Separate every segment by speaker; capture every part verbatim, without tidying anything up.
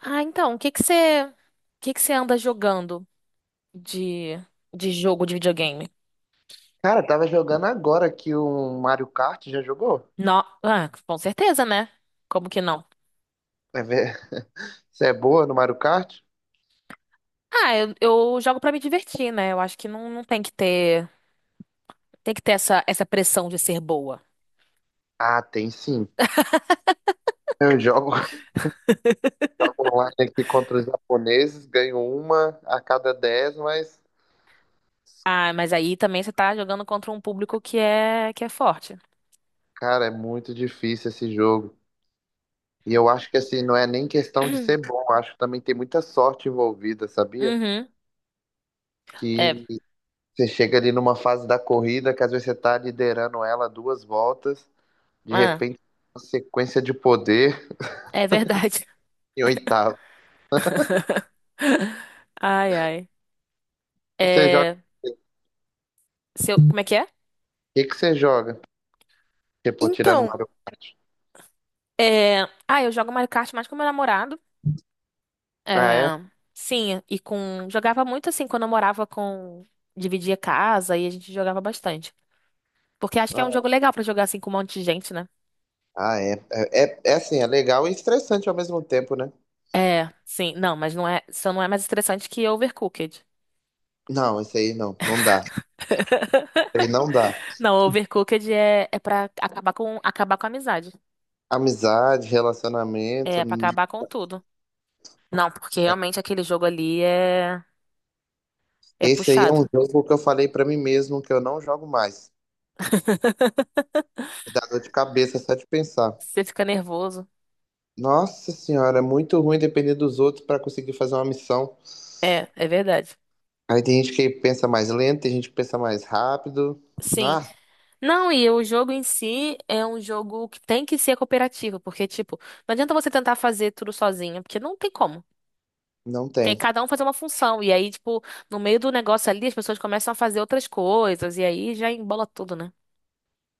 Speaker 1: Ah, então, o que que você, o que que você anda jogando de, de jogo de videogame?
Speaker 2: Cara, tava jogando agora aqui um Mario Kart, já jogou?
Speaker 1: Não, ah, com certeza, né? Como que não?
Speaker 2: Vai ver se é boa no Mario Kart?
Speaker 1: Ah, eu, eu jogo pra me divertir, né? Eu acho que não, não tem que ter, tem que ter essa, essa pressão de ser boa.
Speaker 2: Ah, tem sim. Eu jogo online aqui contra os japoneses, ganho uma a cada dez, mas,
Speaker 1: Ah, mas aí também você tá jogando contra um público que é, que é forte.
Speaker 2: cara, é muito difícil esse jogo. E eu acho que, assim, não é nem questão de ser bom, eu acho que também tem muita sorte envolvida, sabia?
Speaker 1: Uhum. É,
Speaker 2: Que você chega ali numa fase da corrida, que às vezes você tá liderando ela duas voltas, de
Speaker 1: ah,
Speaker 2: repente, uma sequência de poder
Speaker 1: é verdade.
Speaker 2: em oitavo.
Speaker 1: Ai, ai.
Speaker 2: Você
Speaker 1: É, seu, como é que é?
Speaker 2: que que você joga? Tipo, tirando
Speaker 1: Então,
Speaker 2: Mario Kart.
Speaker 1: é, ah, eu jogo Mario Kart mais com meu namorado.
Speaker 2: Ah,
Speaker 1: É,
Speaker 2: é?
Speaker 1: sim, e com. Jogava muito assim quando eu morava com. Dividia casa e a gente jogava bastante. Porque acho que é
Speaker 2: Ah,
Speaker 1: um
Speaker 2: é.
Speaker 1: jogo legal pra jogar assim com um monte de gente, né?
Speaker 2: Ah, É, é, é é assim, é legal e estressante ao mesmo tempo, né?
Speaker 1: É, sim, não, mas não é, só não é mais estressante que Overcooked.
Speaker 2: Não, isso aí não, não dá. Isso aí não dá.
Speaker 1: Não, Overcooked é, é pra acabar com, acabar com a amizade.
Speaker 2: Amizade, relacionamento.
Speaker 1: É pra
Speaker 2: n-
Speaker 1: acabar com tudo. Não, porque realmente aquele jogo ali é, é
Speaker 2: Esse aí é
Speaker 1: puxado.
Speaker 2: um jogo que eu falei pra mim mesmo que eu não jogo mais. Me dá dor de cabeça só de pensar.
Speaker 1: Você fica nervoso.
Speaker 2: Nossa senhora, é muito ruim depender dos outros pra conseguir fazer uma missão.
Speaker 1: É, é verdade.
Speaker 2: Aí tem gente que pensa mais lento, tem gente que pensa mais rápido.
Speaker 1: Sim.
Speaker 2: Ah,
Speaker 1: Não, e o jogo em si é um jogo que tem que ser cooperativo, porque, tipo, não adianta você tentar fazer tudo sozinho, porque não tem como.
Speaker 2: não
Speaker 1: Tem
Speaker 2: tem.
Speaker 1: cada um fazer uma função, e aí, tipo, no meio do negócio ali, as pessoas começam a fazer outras coisas, e aí já embola tudo, né?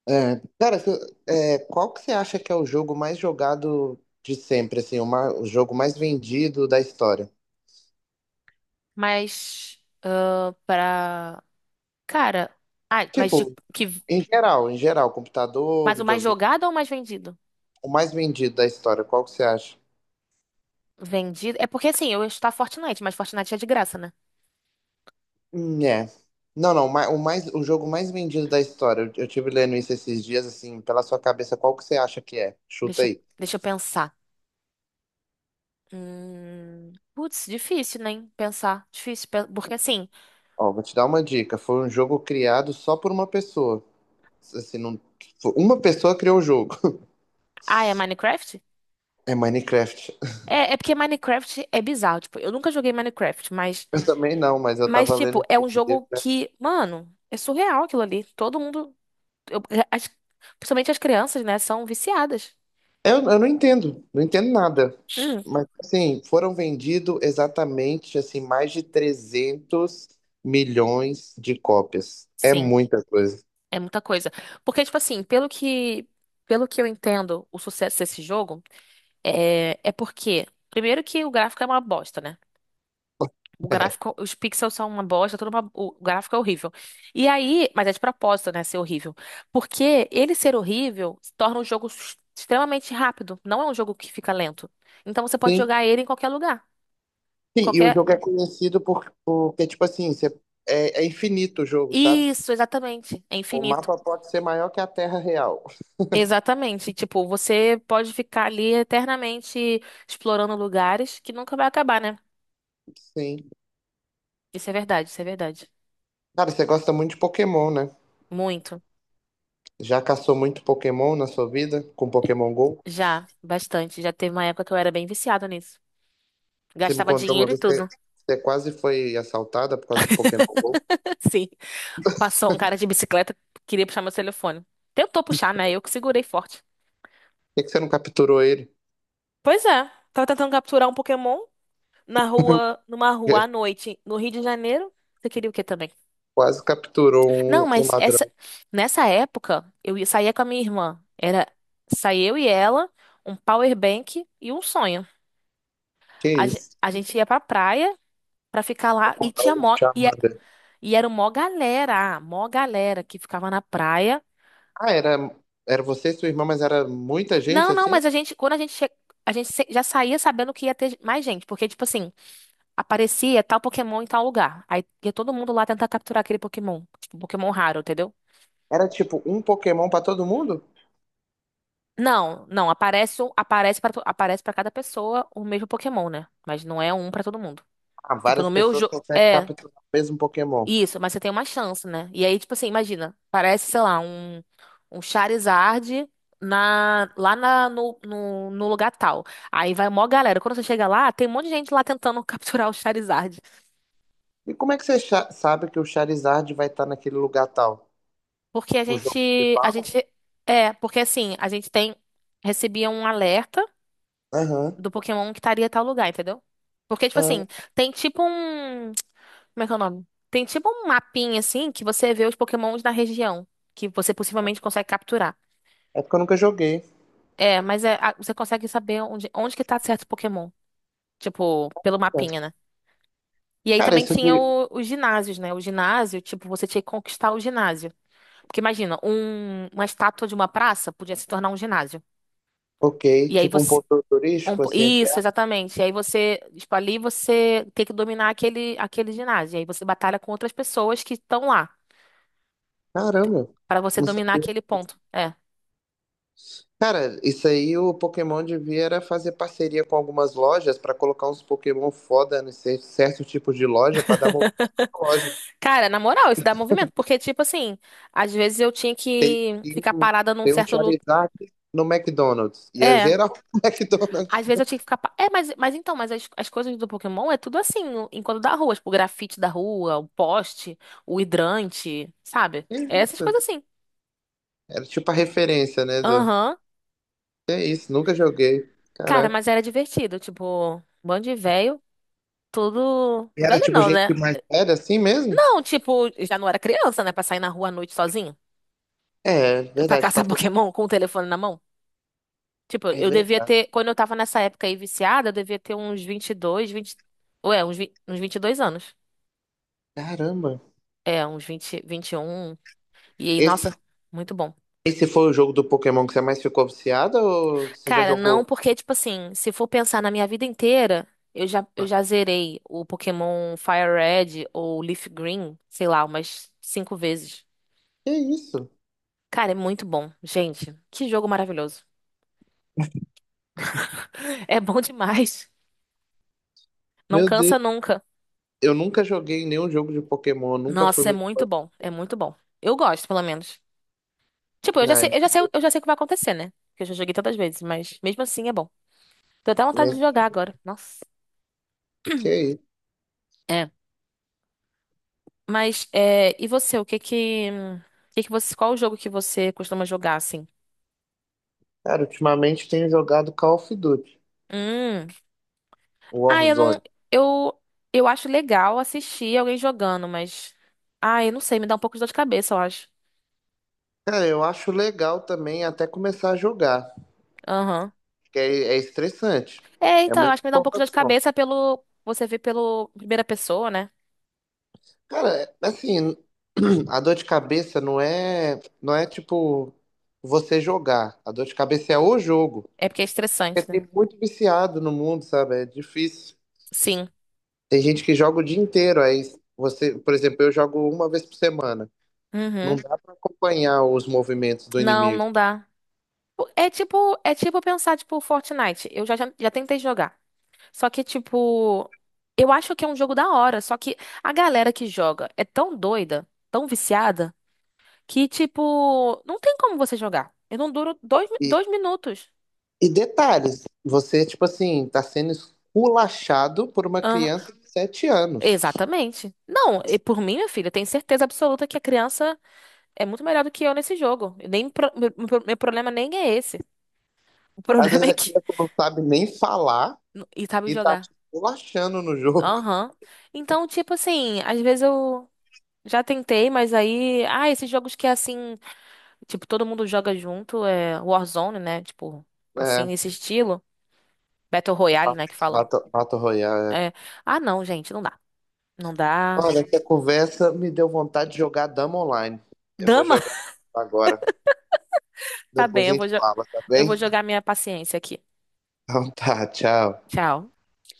Speaker 2: É, cara, se- é, qual que você acha que é o jogo mais jogado de sempre, assim, o, ma- o jogo mais vendido da história?
Speaker 1: Mas, ah, pra. Cara, ah, mas de
Speaker 2: Tipo,
Speaker 1: que.
Speaker 2: em geral, em geral, computador,
Speaker 1: Mas o mais
Speaker 2: videogame,
Speaker 1: jogado ou o mais vendido?
Speaker 2: o mais vendido da história, qual que você acha?
Speaker 1: Vendido. É porque, assim, eu ia chutar Fortnite, mas Fortnite é de graça, né?
Speaker 2: Hum, é. Não, não, ma- o mais, o jogo mais vendido da história, eu, eu tive lendo isso esses dias, assim, pela sua cabeça, qual que você acha que é? Chuta
Speaker 1: Deixa, eu-
Speaker 2: aí.
Speaker 1: deixa eu pensar. Hum, putz, difícil, né? Pensar. Difícil. pe- Porque assim,
Speaker 2: Ó, vou te dar uma dica, foi um jogo criado só por uma pessoa, assim, não, uma pessoa criou o jogo.
Speaker 1: ah, é Minecraft?
Speaker 2: É Minecraft.
Speaker 1: É, é porque Minecraft é bizarro. Tipo, eu nunca joguei Minecraft, mas,
Speaker 2: Eu também não, mas eu
Speaker 1: mas,
Speaker 2: tava
Speaker 1: tipo,
Speaker 2: lendo
Speaker 1: é um
Speaker 2: esse dia.
Speaker 1: jogo que, mano, é surreal aquilo ali. Todo mundo, eu- as- principalmente as crianças, né, são viciadas.
Speaker 2: Eu, eu não entendo, não entendo nada.
Speaker 1: Hum,
Speaker 2: Mas, assim, foram vendidos exatamente, assim, mais de trezentos milhões de cópias. É
Speaker 1: sim,
Speaker 2: muita coisa.
Speaker 1: é muita coisa. Porque, tipo assim, pelo que, pelo que eu entendo, o sucesso desse jogo é, é porque, primeiro que o gráfico é uma bosta, né? O gráfico, os pixels são uma bosta, tudo uma- o gráfico é horrível. E aí, mas é de propósito, né, ser horrível. Porque ele ser horrível torna o jogo s- extremamente rápido. Não é um jogo que fica lento. Então você pode
Speaker 2: Sim,
Speaker 1: jogar ele em qualquer lugar, em
Speaker 2: sim, e o
Speaker 1: qualquer.
Speaker 2: jogo é conhecido por, porque, tipo assim, você- é, é infinito o jogo, sabe?
Speaker 1: Isso, exatamente. É
Speaker 2: O
Speaker 1: infinito.
Speaker 2: mapa pode ser maior que a Terra real.
Speaker 1: Exatamente. Tipo, você pode ficar ali eternamente explorando lugares que nunca vai acabar, né?
Speaker 2: Sim.
Speaker 1: Isso é verdade, isso é verdade.
Speaker 2: Cara, você gosta muito de Pokémon, né?
Speaker 1: Muito.
Speaker 2: Já caçou muito Pokémon na sua vida com Pokémon Go?
Speaker 1: Já, bastante. Já teve uma época que eu era bem viciada nisso.
Speaker 2: Você me
Speaker 1: Gastava
Speaker 2: contou uma
Speaker 1: dinheiro e
Speaker 2: vez que você,
Speaker 1: tudo.
Speaker 2: você quase foi assaltada por causa do Pokémon Go. Por
Speaker 1: Sim. Passou um cara de bicicleta, queria puxar meu telefone. Tentou puxar, né? Eu que segurei forte.
Speaker 2: que que você não capturou ele?
Speaker 1: Pois é, tava tentando capturar um Pokémon na rua, numa rua à noite, no Rio de Janeiro. Você queria o quê também?
Speaker 2: Quase capturou
Speaker 1: Não,
Speaker 2: um, um
Speaker 1: mas essa
Speaker 2: ladrão.
Speaker 1: nessa época eu ia- saía com a minha irmã. Era saía eu e ela, um power bank e um sonho.
Speaker 2: Que
Speaker 1: A, ge-
Speaker 2: isso?
Speaker 1: a gente ia pra praia pra ficar lá e tinha
Speaker 2: O
Speaker 1: mó e, é,
Speaker 2: Charmander.
Speaker 1: e era mó galera, mó galera que ficava na praia.
Speaker 2: Ah, era, era você e sua irmã, mas era muita gente
Speaker 1: Não, não,
Speaker 2: assim?
Speaker 1: mas a gente, quando a gente che... a gente se- já saía sabendo que ia ter mais gente, porque, tipo assim, aparecia tal Pokémon em tal lugar. Aí ia todo mundo lá tentar capturar aquele Pokémon. Tipo, um Pokémon raro, entendeu?
Speaker 2: Era tipo um Pokémon pra todo mundo?
Speaker 1: Não, não, aparece um, aparece para aparece para cada pessoa o mesmo Pokémon, né? Mas não é um pra todo mundo.
Speaker 2: Ah,
Speaker 1: Tipo, no
Speaker 2: várias
Speaker 1: meu
Speaker 2: pessoas
Speaker 1: jogo.
Speaker 2: conseguem capturar o mesmo Pokémon.
Speaker 1: Isso, mas você tem uma chance, né? E aí, tipo assim, imagina, parece, sei lá, um, um Charizard na, lá na, no, no, no lugar tal. Aí vai mó galera. Quando você chega lá, tem um monte de gente lá tentando capturar o Charizard.
Speaker 2: E como é que você cha- sabe que o Charizard vai estar naquele lugar tal?
Speaker 1: Porque a
Speaker 2: O jogo que
Speaker 1: gente, a gente,
Speaker 2: fala?
Speaker 1: é, porque assim, a gente tem, recebia um alerta
Speaker 2: Aham.
Speaker 1: do Pokémon que estaria em tal lugar, entendeu? Porque, tipo assim,
Speaker 2: Ah,
Speaker 1: tem tipo um, como é que é o nome? Tem tipo um mapinha, assim, que você vê os Pokémons da região, que você possivelmente consegue capturar.
Speaker 2: é porque eu nunca joguei.
Speaker 1: É, mas é, a- você consegue saber onde, onde que tá certo Pokémon. Tipo, pelo mapinha, né? E aí
Speaker 2: Cara,
Speaker 1: também
Speaker 2: isso
Speaker 1: tinha
Speaker 2: de.
Speaker 1: o- os ginásios, né? O ginásio, tipo, você tinha que conquistar o ginásio. Porque imagina, um- uma estátua de uma praça podia se tornar um ginásio.
Speaker 2: Ok,
Speaker 1: E aí
Speaker 2: tipo um
Speaker 1: você.
Speaker 2: ponto
Speaker 1: um
Speaker 2: turístico,
Speaker 1: po-
Speaker 2: assim,
Speaker 1: isso, exatamente. E aí você, tipo, ali você tem que dominar aquele, aquele ginásio. E aí você batalha com outras pessoas que estão lá.
Speaker 2: caramba,
Speaker 1: Pra você
Speaker 2: não
Speaker 1: dominar
Speaker 2: sabia.
Speaker 1: aquele ponto. É.
Speaker 2: Cara, isso aí o Pokémon devia era fazer parceria com algumas lojas pra colocar uns Pokémon foda em cer- certo tipo de loja pra dar movimento na loja.
Speaker 1: Cara, na moral, isso dá movimento. Porque, tipo assim, às vezes eu tinha que
Speaker 2: Tem
Speaker 1: ficar
Speaker 2: um
Speaker 1: parada num
Speaker 2: tem um
Speaker 1: certo lugar.
Speaker 2: Charizard no McDonald's. E é geral no McDonald's.
Speaker 1: Às vezes eu tinha que ficar. pa- É, mas, mas então, mas as, as coisas do Pokémon é tudo assim, no- enquanto da rua, tipo, o grafite da rua, o poste, o hidrante, sabe? É essas coisas assim.
Speaker 2: Era tipo a referência, né? Do...
Speaker 1: Aham.
Speaker 2: Que é isso, nunca joguei.
Speaker 1: Cara,
Speaker 2: Caraca.
Speaker 1: mas era divertido, tipo, bando de velho, tudo.
Speaker 2: E era
Speaker 1: Velho
Speaker 2: tipo
Speaker 1: não,
Speaker 2: gente
Speaker 1: né?
Speaker 2: mais velha assim mesmo?
Speaker 1: Não, tipo, já não era criança, né? Pra sair na rua à noite sozinho,
Speaker 2: É,
Speaker 1: pra
Speaker 2: verdade, pra
Speaker 1: caçar
Speaker 2: todo...
Speaker 1: Pokémon com o telefone na mão. Tipo,
Speaker 2: É
Speaker 1: eu devia
Speaker 2: verdade.
Speaker 1: ter, quando eu tava nessa época aí viciada, eu devia ter uns vinte e dois, vinte. Ué, uns, vi- uns vinte e dois anos.
Speaker 2: Caramba.
Speaker 1: É, uns vinte vinte e um. E aí,
Speaker 2: Esse,
Speaker 1: nossa, muito bom.
Speaker 2: esse foi o jogo do Pokémon que você mais ficou viciado ou você já
Speaker 1: Cara, não,
Speaker 2: jogou?
Speaker 1: porque, tipo assim, se for pensar na minha vida inteira, eu já, eu já zerei o Pokémon Fire Red ou Leaf Green, sei lá, umas cinco vezes.
Speaker 2: Que isso?
Speaker 1: Cara, é muito bom. Gente, que jogo maravilhoso. É bom demais. Não
Speaker 2: Meu Deus.
Speaker 1: cansa nunca.
Speaker 2: Eu nunca joguei nenhum jogo de Pokémon, eu nunca fui
Speaker 1: Nossa, é
Speaker 2: muito.
Speaker 1: muito bom. É muito bom. Eu gosto, pelo menos. Tipo, eu já sei,
Speaker 2: Ai,
Speaker 1: eu já sei, eu já sei o que vai acontecer, né? Porque eu já joguei tantas vezes, mas mesmo assim é bom. Tô até vontade
Speaker 2: mas
Speaker 1: de jogar agora. Nossa.
Speaker 2: que isso?
Speaker 1: É. Mas, é, e você, o que que, o que que você, qual o jogo que você costuma jogar, assim?
Speaker 2: Cara, ultimamente tenho jogado Call of Duty,
Speaker 1: Hum. Ah, eu não,
Speaker 2: Warzone.
Speaker 1: eu, eu acho legal assistir alguém jogando, mas, ah, eu não sei, me dá um pouco de dor de cabeça, eu acho.
Speaker 2: Cara, eu acho legal também até começar a jogar,
Speaker 1: Aham.
Speaker 2: porque é, é estressante.
Speaker 1: É,
Speaker 2: É
Speaker 1: então, eu
Speaker 2: muita
Speaker 1: acho que me dá um pouco de dor de
Speaker 2: informação.
Speaker 1: cabeça pelo, você vê pelo primeira pessoa, né?
Speaker 2: Cara, assim, a dor de cabeça não é, não é tipo você jogar. A dor de cabeça é o jogo.
Speaker 1: É porque é
Speaker 2: Porque
Speaker 1: estressante, né?
Speaker 2: tem muito viciado no mundo, sabe? É difícil.
Speaker 1: Sim.
Speaker 2: Tem gente que joga o dia inteiro, aí você, por exemplo, eu jogo uma vez por semana. Não
Speaker 1: Uhum.
Speaker 2: dá pra acompanhar os movimentos do
Speaker 1: Não,
Speaker 2: inimigo.
Speaker 1: não dá. É tipo, é tipo pensar, tipo, Fortnite. Eu já, já, já tentei jogar. Só que, tipo, eu acho que é um jogo da hora. Só que a galera que joga é tão doida, tão viciada, que, tipo, não tem como você jogar. Eu não duro dois, mi-
Speaker 2: E,
Speaker 1: dois minutos.
Speaker 2: e detalhes, você, tipo assim, tá sendo esculachado por uma
Speaker 1: Aham,
Speaker 2: criança de sete anos.
Speaker 1: exatamente. Não, e por mim, minha filha, eu tenho certeza absoluta que a criança é muito melhor do que eu nesse jogo. Eu nem, pro- meu, meu- meu problema nem é esse. O
Speaker 2: Às
Speaker 1: problema
Speaker 2: vezes
Speaker 1: é
Speaker 2: a
Speaker 1: que.
Speaker 2: criança não sabe nem falar
Speaker 1: E sabe
Speaker 2: e tá te
Speaker 1: jogar.
Speaker 2: esculachando no jogo.
Speaker 1: Aham. Então, tipo assim, às vezes eu já tentei, mas aí. Ah, esses jogos que é assim. Tipo, todo mundo joga junto, é Warzone, né? Tipo, assim,
Speaker 2: É,
Speaker 1: nesse estilo. Battle Royale, né, que fala.
Speaker 2: Battle, Battle Royale. É.
Speaker 1: É, ah, não, gente, não dá. Não dá.
Speaker 2: Olha, essa conversa me deu vontade de jogar Dama Online. Eu vou
Speaker 1: Dama?
Speaker 2: jogar agora.
Speaker 1: Tá
Speaker 2: Depois
Speaker 1: bem,
Speaker 2: a
Speaker 1: eu vou,
Speaker 2: gente
Speaker 1: jo-
Speaker 2: fala, tá
Speaker 1: eu vou
Speaker 2: bem?
Speaker 1: jogar minha paciência aqui.
Speaker 2: Então tá, tchau.
Speaker 1: Tchau.